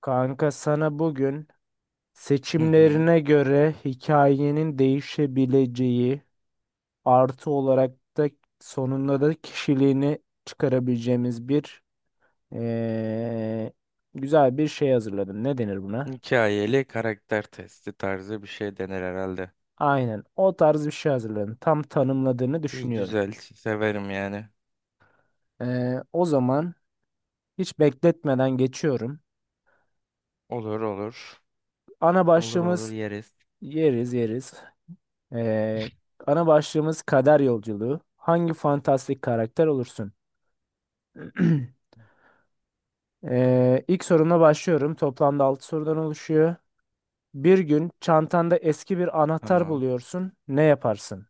Kanka sana bugün Hı hı. seçimlerine göre hikayenin değişebileceği artı olarak da sonunda da kişiliğini çıkarabileceğimiz bir eee, güzel bir şey hazırladım. Ne denir buna? Hikayeli karakter testi tarzı bir şey denir herhalde. Aynen o tarz bir şey hazırladım. Tam tanımladığını İyi düşünüyorum. güzel severim yani. O zaman hiç bekletmeden geçiyorum. Olur olur. Ana Olur olur başlığımız yeriz. yeriz yeriz. Eee, Ana başlığımız kader yolculuğu. Hangi fantastik karakter olursun? İlk sorumla başlıyorum. Toplamda 6 sorudan oluşuyor. Bir gün çantanda eski bir anahtar Tamam. buluyorsun. Ne yaparsın?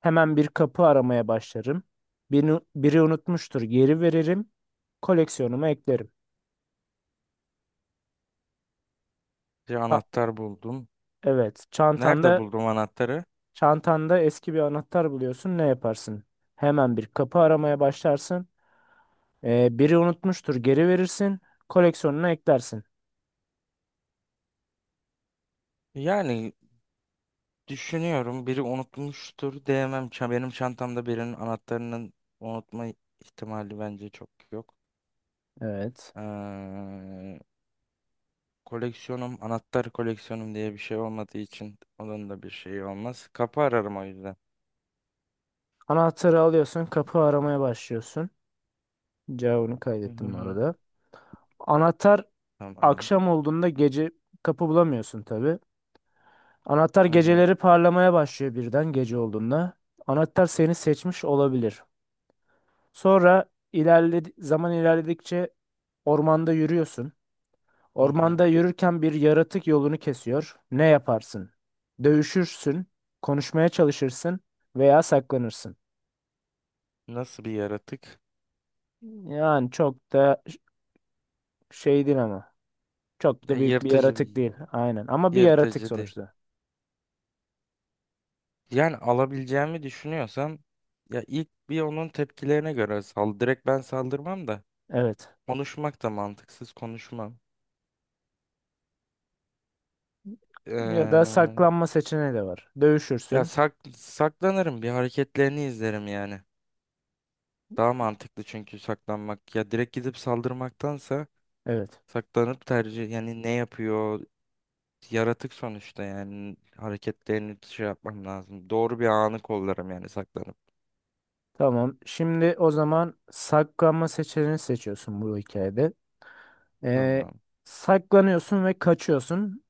Hemen bir kapı aramaya başlarım. Biri unutmuştur. Geri veririm. Koleksiyonuma eklerim. Bir Ha, anahtar buldum. evet. Nerede Çantanda buldum anahtarı? çantanda eski bir anahtar buluyorsun. Ne yaparsın? Hemen bir kapı aramaya başlarsın. Biri unutmuştur. Geri verirsin. Koleksiyonuna eklersin. Yani düşünüyorum biri unutmuştur diyemem. Benim çantamda birinin anahtarının unutma ihtimali bence çok yok. Evet. Ee, Koleksiyonum anahtar koleksiyonum diye bir şey olmadığı için onun da bir şeyi olmaz. Kapı ararım o yüzden. Anahtarı alıyorsun. Kapı aramaya başlıyorsun. Cevabını Hı hı kaydettim bu hı. arada. Anahtar Tamam. akşam olduğunda gece kapı bulamıyorsun tabii. Anahtar Hı hı. geceleri parlamaya başlıyor birden gece olduğunda. Anahtar seni seçmiş olabilir. Sonra ilerledi zaman ilerledikçe ormanda yürüyorsun. Hı hı. Ormanda yürürken bir yaratık yolunu kesiyor. Ne yaparsın? Dövüşürsün, konuşmaya çalışırsın veya saklanırsın. Nasıl bir yaratık? Yani çok da şey değil ama. Çok Ya da büyük bir yırtıcı yaratık bir değil. Aynen. Ama bir yaratık yırtıcı değil. sonuçta. Yani alabileceğimi düşünüyorsam ya ilk bir onun tepkilerine göre sal. Direkt ben saldırmam da Evet. konuşmak da mantıksız konuşmam. Ya da Ee, saklanma seçeneği de var. Ya Dövüşürsün. Saklanırım bir hareketlerini izlerim yani. Daha mantıklı çünkü saklanmak. Ya direkt gidip saldırmaktansa Evet. saklanıp tercih yani ne yapıyor yaratık sonuçta yani hareketlerini şey yapmam lazım. Doğru bir anı kollarım yani saklanıp. Tamam. Şimdi o zaman saklanma seçeneğini seçiyorsun bu hikayede. Ee, Tamam. Saklanıyorsun ve kaçıyorsun.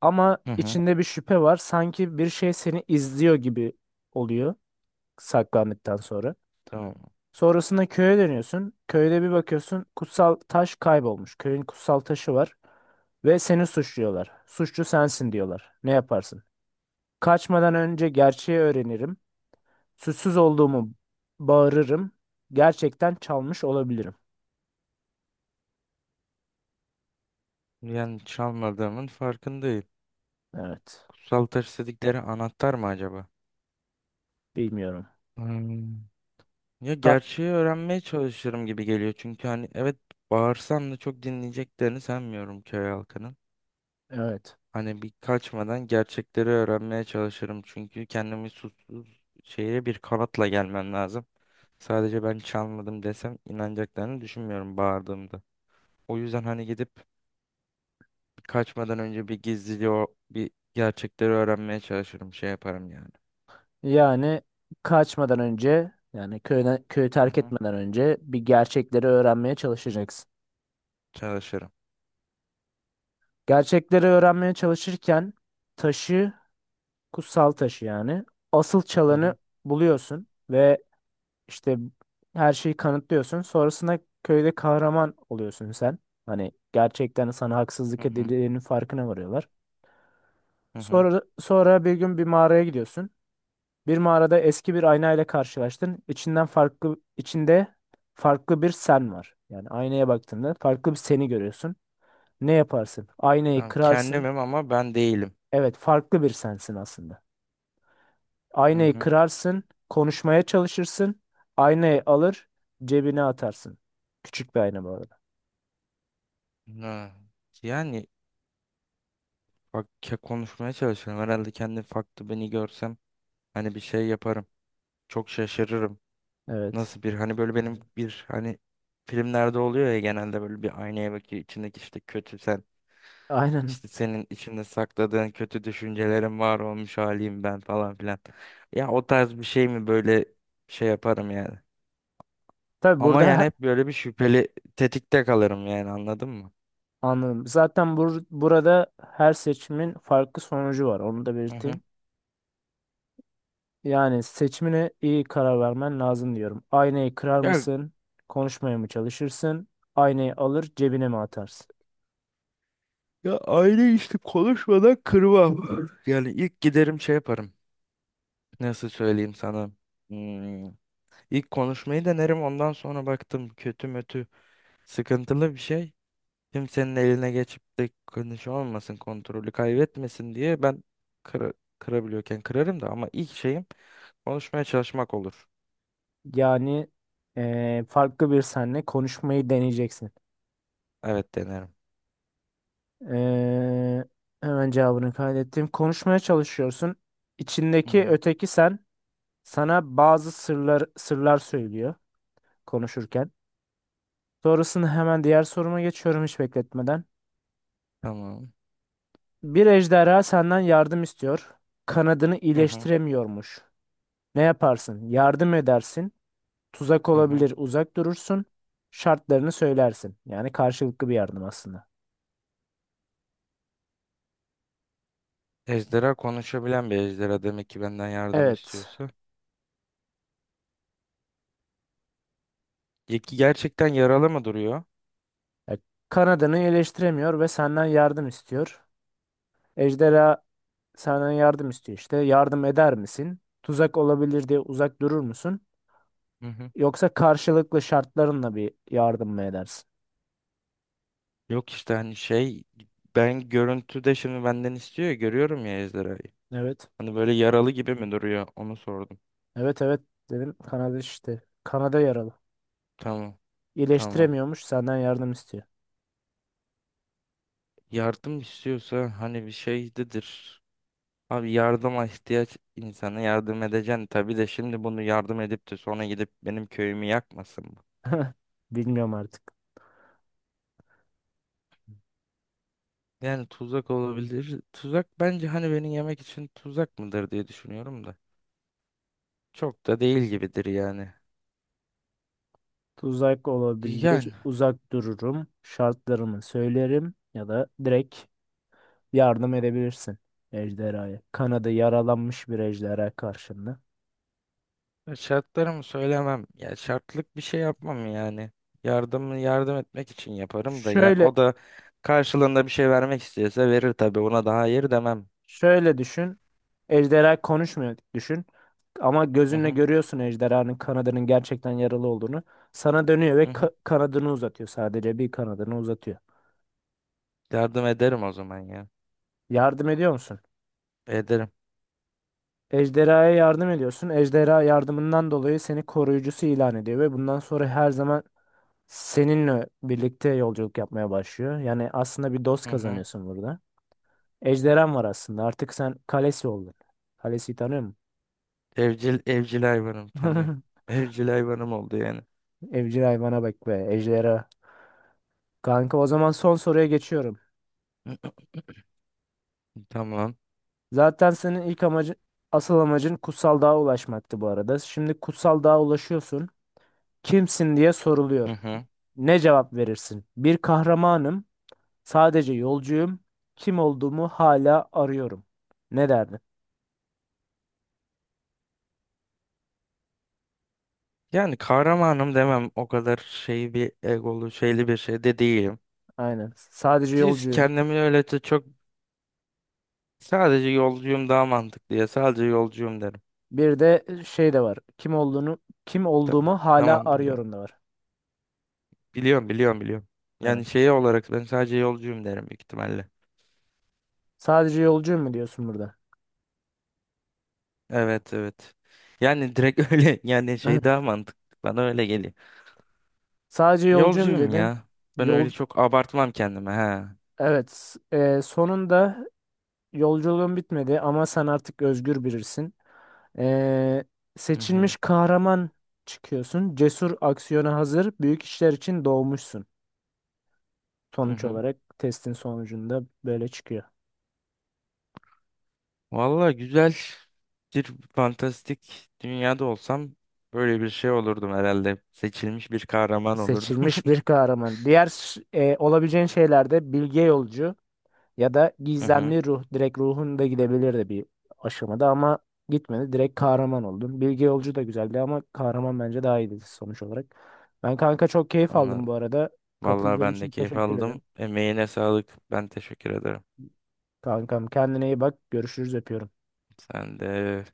Ama Hı hı. içinde bir şüphe var. Sanki bir şey seni izliyor gibi oluyor saklandıktan sonra. Tamam. Sonrasında köye dönüyorsun. Köyde bir bakıyorsun kutsal taş kaybolmuş. Köyün kutsal taşı var. Ve seni suçluyorlar. Suçlu sensin diyorlar. Ne yaparsın? Kaçmadan önce gerçeği öğrenirim. Suçsuz olduğumu bağırırım. Gerçekten çalmış olabilirim. Yani çalmadığımın farkındayım. Evet. Kutsal taş dedikleri anahtar mı acaba? Bilmiyorum. Hmm. Ya Ka- gerçeği öğrenmeye çalışırım gibi geliyor. Çünkü hani evet, bağırsam da çok dinleyeceklerini sanmıyorum köy halkının. evet. Hani bir kaçmadan gerçekleri öğrenmeye çalışırım. Çünkü kendimi suçsuz şeye bir kanatla gelmem lazım. Sadece ben çalmadım desem inanacaklarını düşünmüyorum bağırdığımda. O yüzden hani gidip kaçmadan önce bir gizliliği o bir gerçekleri öğrenmeye çalışırım. Şey yaparım yani. Yani kaçmadan önce yani köyden, köyü Hı terk hı. etmeden önce bir gerçekleri öğrenmeye çalışacaksın. Çalışırım. Gerçekleri öğrenmeye çalışırken taşı, kutsal taşı yani asıl Hı hı. çalanı buluyorsun ve işte her şeyi kanıtlıyorsun. Sonrasında köyde kahraman oluyorsun sen. Hani gerçekten sana Hı haksızlık hı. edildiğinin farkına varıyorlar. Hı hı. Sonra bir gün bir mağaraya gidiyorsun. Bir mağarada eski bir ayna ile karşılaştın. İçinde farklı bir sen var. Yani aynaya baktığında farklı bir seni görüyorsun. Ne yaparsın? Aynayı Ben kırarsın. kendimim ama ben değilim. Evet, farklı bir sensin aslında. Hı Aynayı hı. kırarsın, konuşmaya çalışırsın. Aynayı alır, cebine atarsın. Küçük bir ayna bu arada. Ha. Yani bak konuşmaya çalışıyorum. Herhalde kendi farklı beni görsem hani bir şey yaparım. Çok şaşırırım. Evet. Nasıl bir hani böyle benim bir hani filmlerde oluyor ya genelde böyle bir aynaya bakıyor içindeki işte kötü sen. Aynen. İşte senin içinde sakladığın kötü düşüncelerin var olmuş haliyim ben falan filan. Ya o tarz bir şey mi böyle şey yaparım yani. Tabii Ama burada yani hep böyle bir şüpheli tetikte kalırım yani anladın mı? anladım. Zaten burada her seçimin farklı sonucu var. Onu da Hı hı. belirteyim. Yani seçimine iyi karar vermen lazım diyorum. Aynayı kırar Ya, mısın? Konuşmaya mı çalışırsın? Aynayı alır cebine mi atarsın? ya işte konuşmadan kırmam. Yani ilk giderim şey yaparım. Nasıl söyleyeyim sana? Hmm. İlk konuşmayı denerim ondan sonra baktım kötü mötü sıkıntılı bir şey. Kimsenin eline geçip de konuşu olmasın, kontrolü kaybetmesin diye ben kıra- kırabiliyorken kırarım da ama ilk şeyim konuşmaya çalışmak olur. Yani farklı bir senle konuşmayı deneyeceksin. Evet denerim. Eee, Hemen cevabını kaydettim. Konuşmaya çalışıyorsun. Hı İçindeki hı. öteki sen sana bazı sırlar söylüyor konuşurken. Sonrasında hemen diğer soruma geçiyorum hiç bekletmeden. Tamam. Bir ejderha senden yardım istiyor. Kanadını Hı hı. iyileştiremiyormuş. Ne yaparsın? Yardım edersin. Tuzak Hı hı. olabilir, uzak durursun. Şartlarını söylersin. Yani karşılıklı bir yardım aslında. Ejderha konuşabilen bir ejderha demek ki benden yardım Evet. istiyorsa. Ya ki gerçekten yaralı mı duruyor? Ya, kanadını eleştiremiyor ve senden yardım istiyor. Ejderha senden yardım istiyor işte. Yardım eder misin? Tuzak olabilir diye uzak durur musun? Hı hı. Yoksa karşılıklı şartlarınla bir yardım mı edersin? Yok işte hani şey ben görüntüde şimdi benden istiyor ya görüyorum ya ejderhayı. Evet. Hani böyle yaralı gibi mi duruyor? Onu sordum. Evet, evet dedim. Kanada işte. Kanada yaralı. Tamam. Tamam. İyileştiremiyormuş senden yardım istiyor. Yardım istiyorsa hani bir şeydedir. Abi yardıma ihtiyaç insana yardım edeceksin tabii de şimdi bunu yardım edip de sonra gidip benim köyümü yakmasın mı? Bilmiyorum artık. Yani tuzak olabilir. Tuzak bence hani beni yemek için tuzak mıdır diye düşünüyorum da. Çok da değil gibidir yani. Tuzak olabilir. Yani Uzak dururum. Şartlarımı söylerim ya da direkt yardım edebilirsin ejderhaya. Kanadı yaralanmış bir ejderha karşında. Şartlarımı söylemem. Ya şartlık bir şey yapmam yani. Yardımı yardım etmek için yaparım da ya Şöyle o da karşılığında bir şey vermek istiyorsa verir tabii. Ona daha hayır demem. şöyle düşün. Ejderha konuşmuyor düşün. Ama Hı gözünle hı. görüyorsun ejderhanın kanadının gerçekten yaralı olduğunu. Sana dönüyor ve Hı hı. Kanadını uzatıyor. Sadece bir kanadını uzatıyor. Yardım ederim o zaman ya. Yardım ediyor musun? Ederim. Ejderhaya yardım ediyorsun. Ejderha yardımından dolayı seni koruyucusu ilan ediyor ve bundan sonra her zaman seninle birlikte yolculuk yapmaya başlıyor. Yani aslında bir dost Hı hı. kazanıyorsun burada. Ejderhan var aslında. Artık sen kalesi oldun. Kalesi tanıyor Evcil hayvanım tanıyorum. musun? Evcil hayvanım oldu yani. Evcil hayvana bak be. Ejderha. Kanka o zaman son soruya geçiyorum. Tamam. Zaten senin ilk amacın, asıl amacın kutsal dağa ulaşmaktı bu arada. Şimdi kutsal dağa ulaşıyorsun. Kimsin diye Hı soruluyor. hı. Ne cevap verirsin? Bir kahramanım, sadece yolcuyum. Kim olduğumu hala arıyorum. Ne derdin? Yani kahramanım demem o kadar şey bir egolu şeyli bir şey de değilim. Aynen. Sadece Siz yolcuyum. kendimi öyle de çok sadece yolcuyum daha mantıklı ya sadece yolcuyum derim. Bir de şey de var. Kim Tamam. olduğumu hala Tamam biliyorum. arıyorum da var. Biliyorum, biliyorum, biliyorum. Ha. Yani şey olarak ben sadece yolcuyum derim büyük ihtimalle. Sadece yolcuyum mu diyorsun burada? Evet, evet. Yani direkt öyle yani şey daha mantıklı. Bana öyle geliyor. Sadece yolcuyum Yolcuyum dedin. ya. Ben öyle Yol çok abartmam kendime. He. evet. Sonunda yolculuğun bitmedi ama sen artık özgür birisin. E, Hı hı, Seçilmiş kahraman çıkıyorsun. Cesur aksiyona hazır. Büyük işler için doğmuşsun. hı Sonuç hı. olarak testin sonucunda böyle çıkıyor. Valla güzel bir fantastik dünyada olsam böyle bir şey olurdum herhalde. Seçilmiş bir kahraman olurdum. Seçilmiş bir kahraman. Diğer olabileceğin şeylerde bilge yolcu ya da Hı hı, gizemli ruh. Direkt ruhun da gidebilirdi bir aşamada ama gitmedi. Direkt kahraman oldun. Bilge yolcu da güzeldi ama kahraman bence daha iyiydi sonuç olarak. Ben kanka çok keyif aldım anladım. bu arada. Valla Katıldığın ben de için keyif teşekkür aldım. ederim. Emeğine sağlık. Ben teşekkür ederim. Kankam kendine iyi bak. Görüşürüz öpüyorum. Sen de.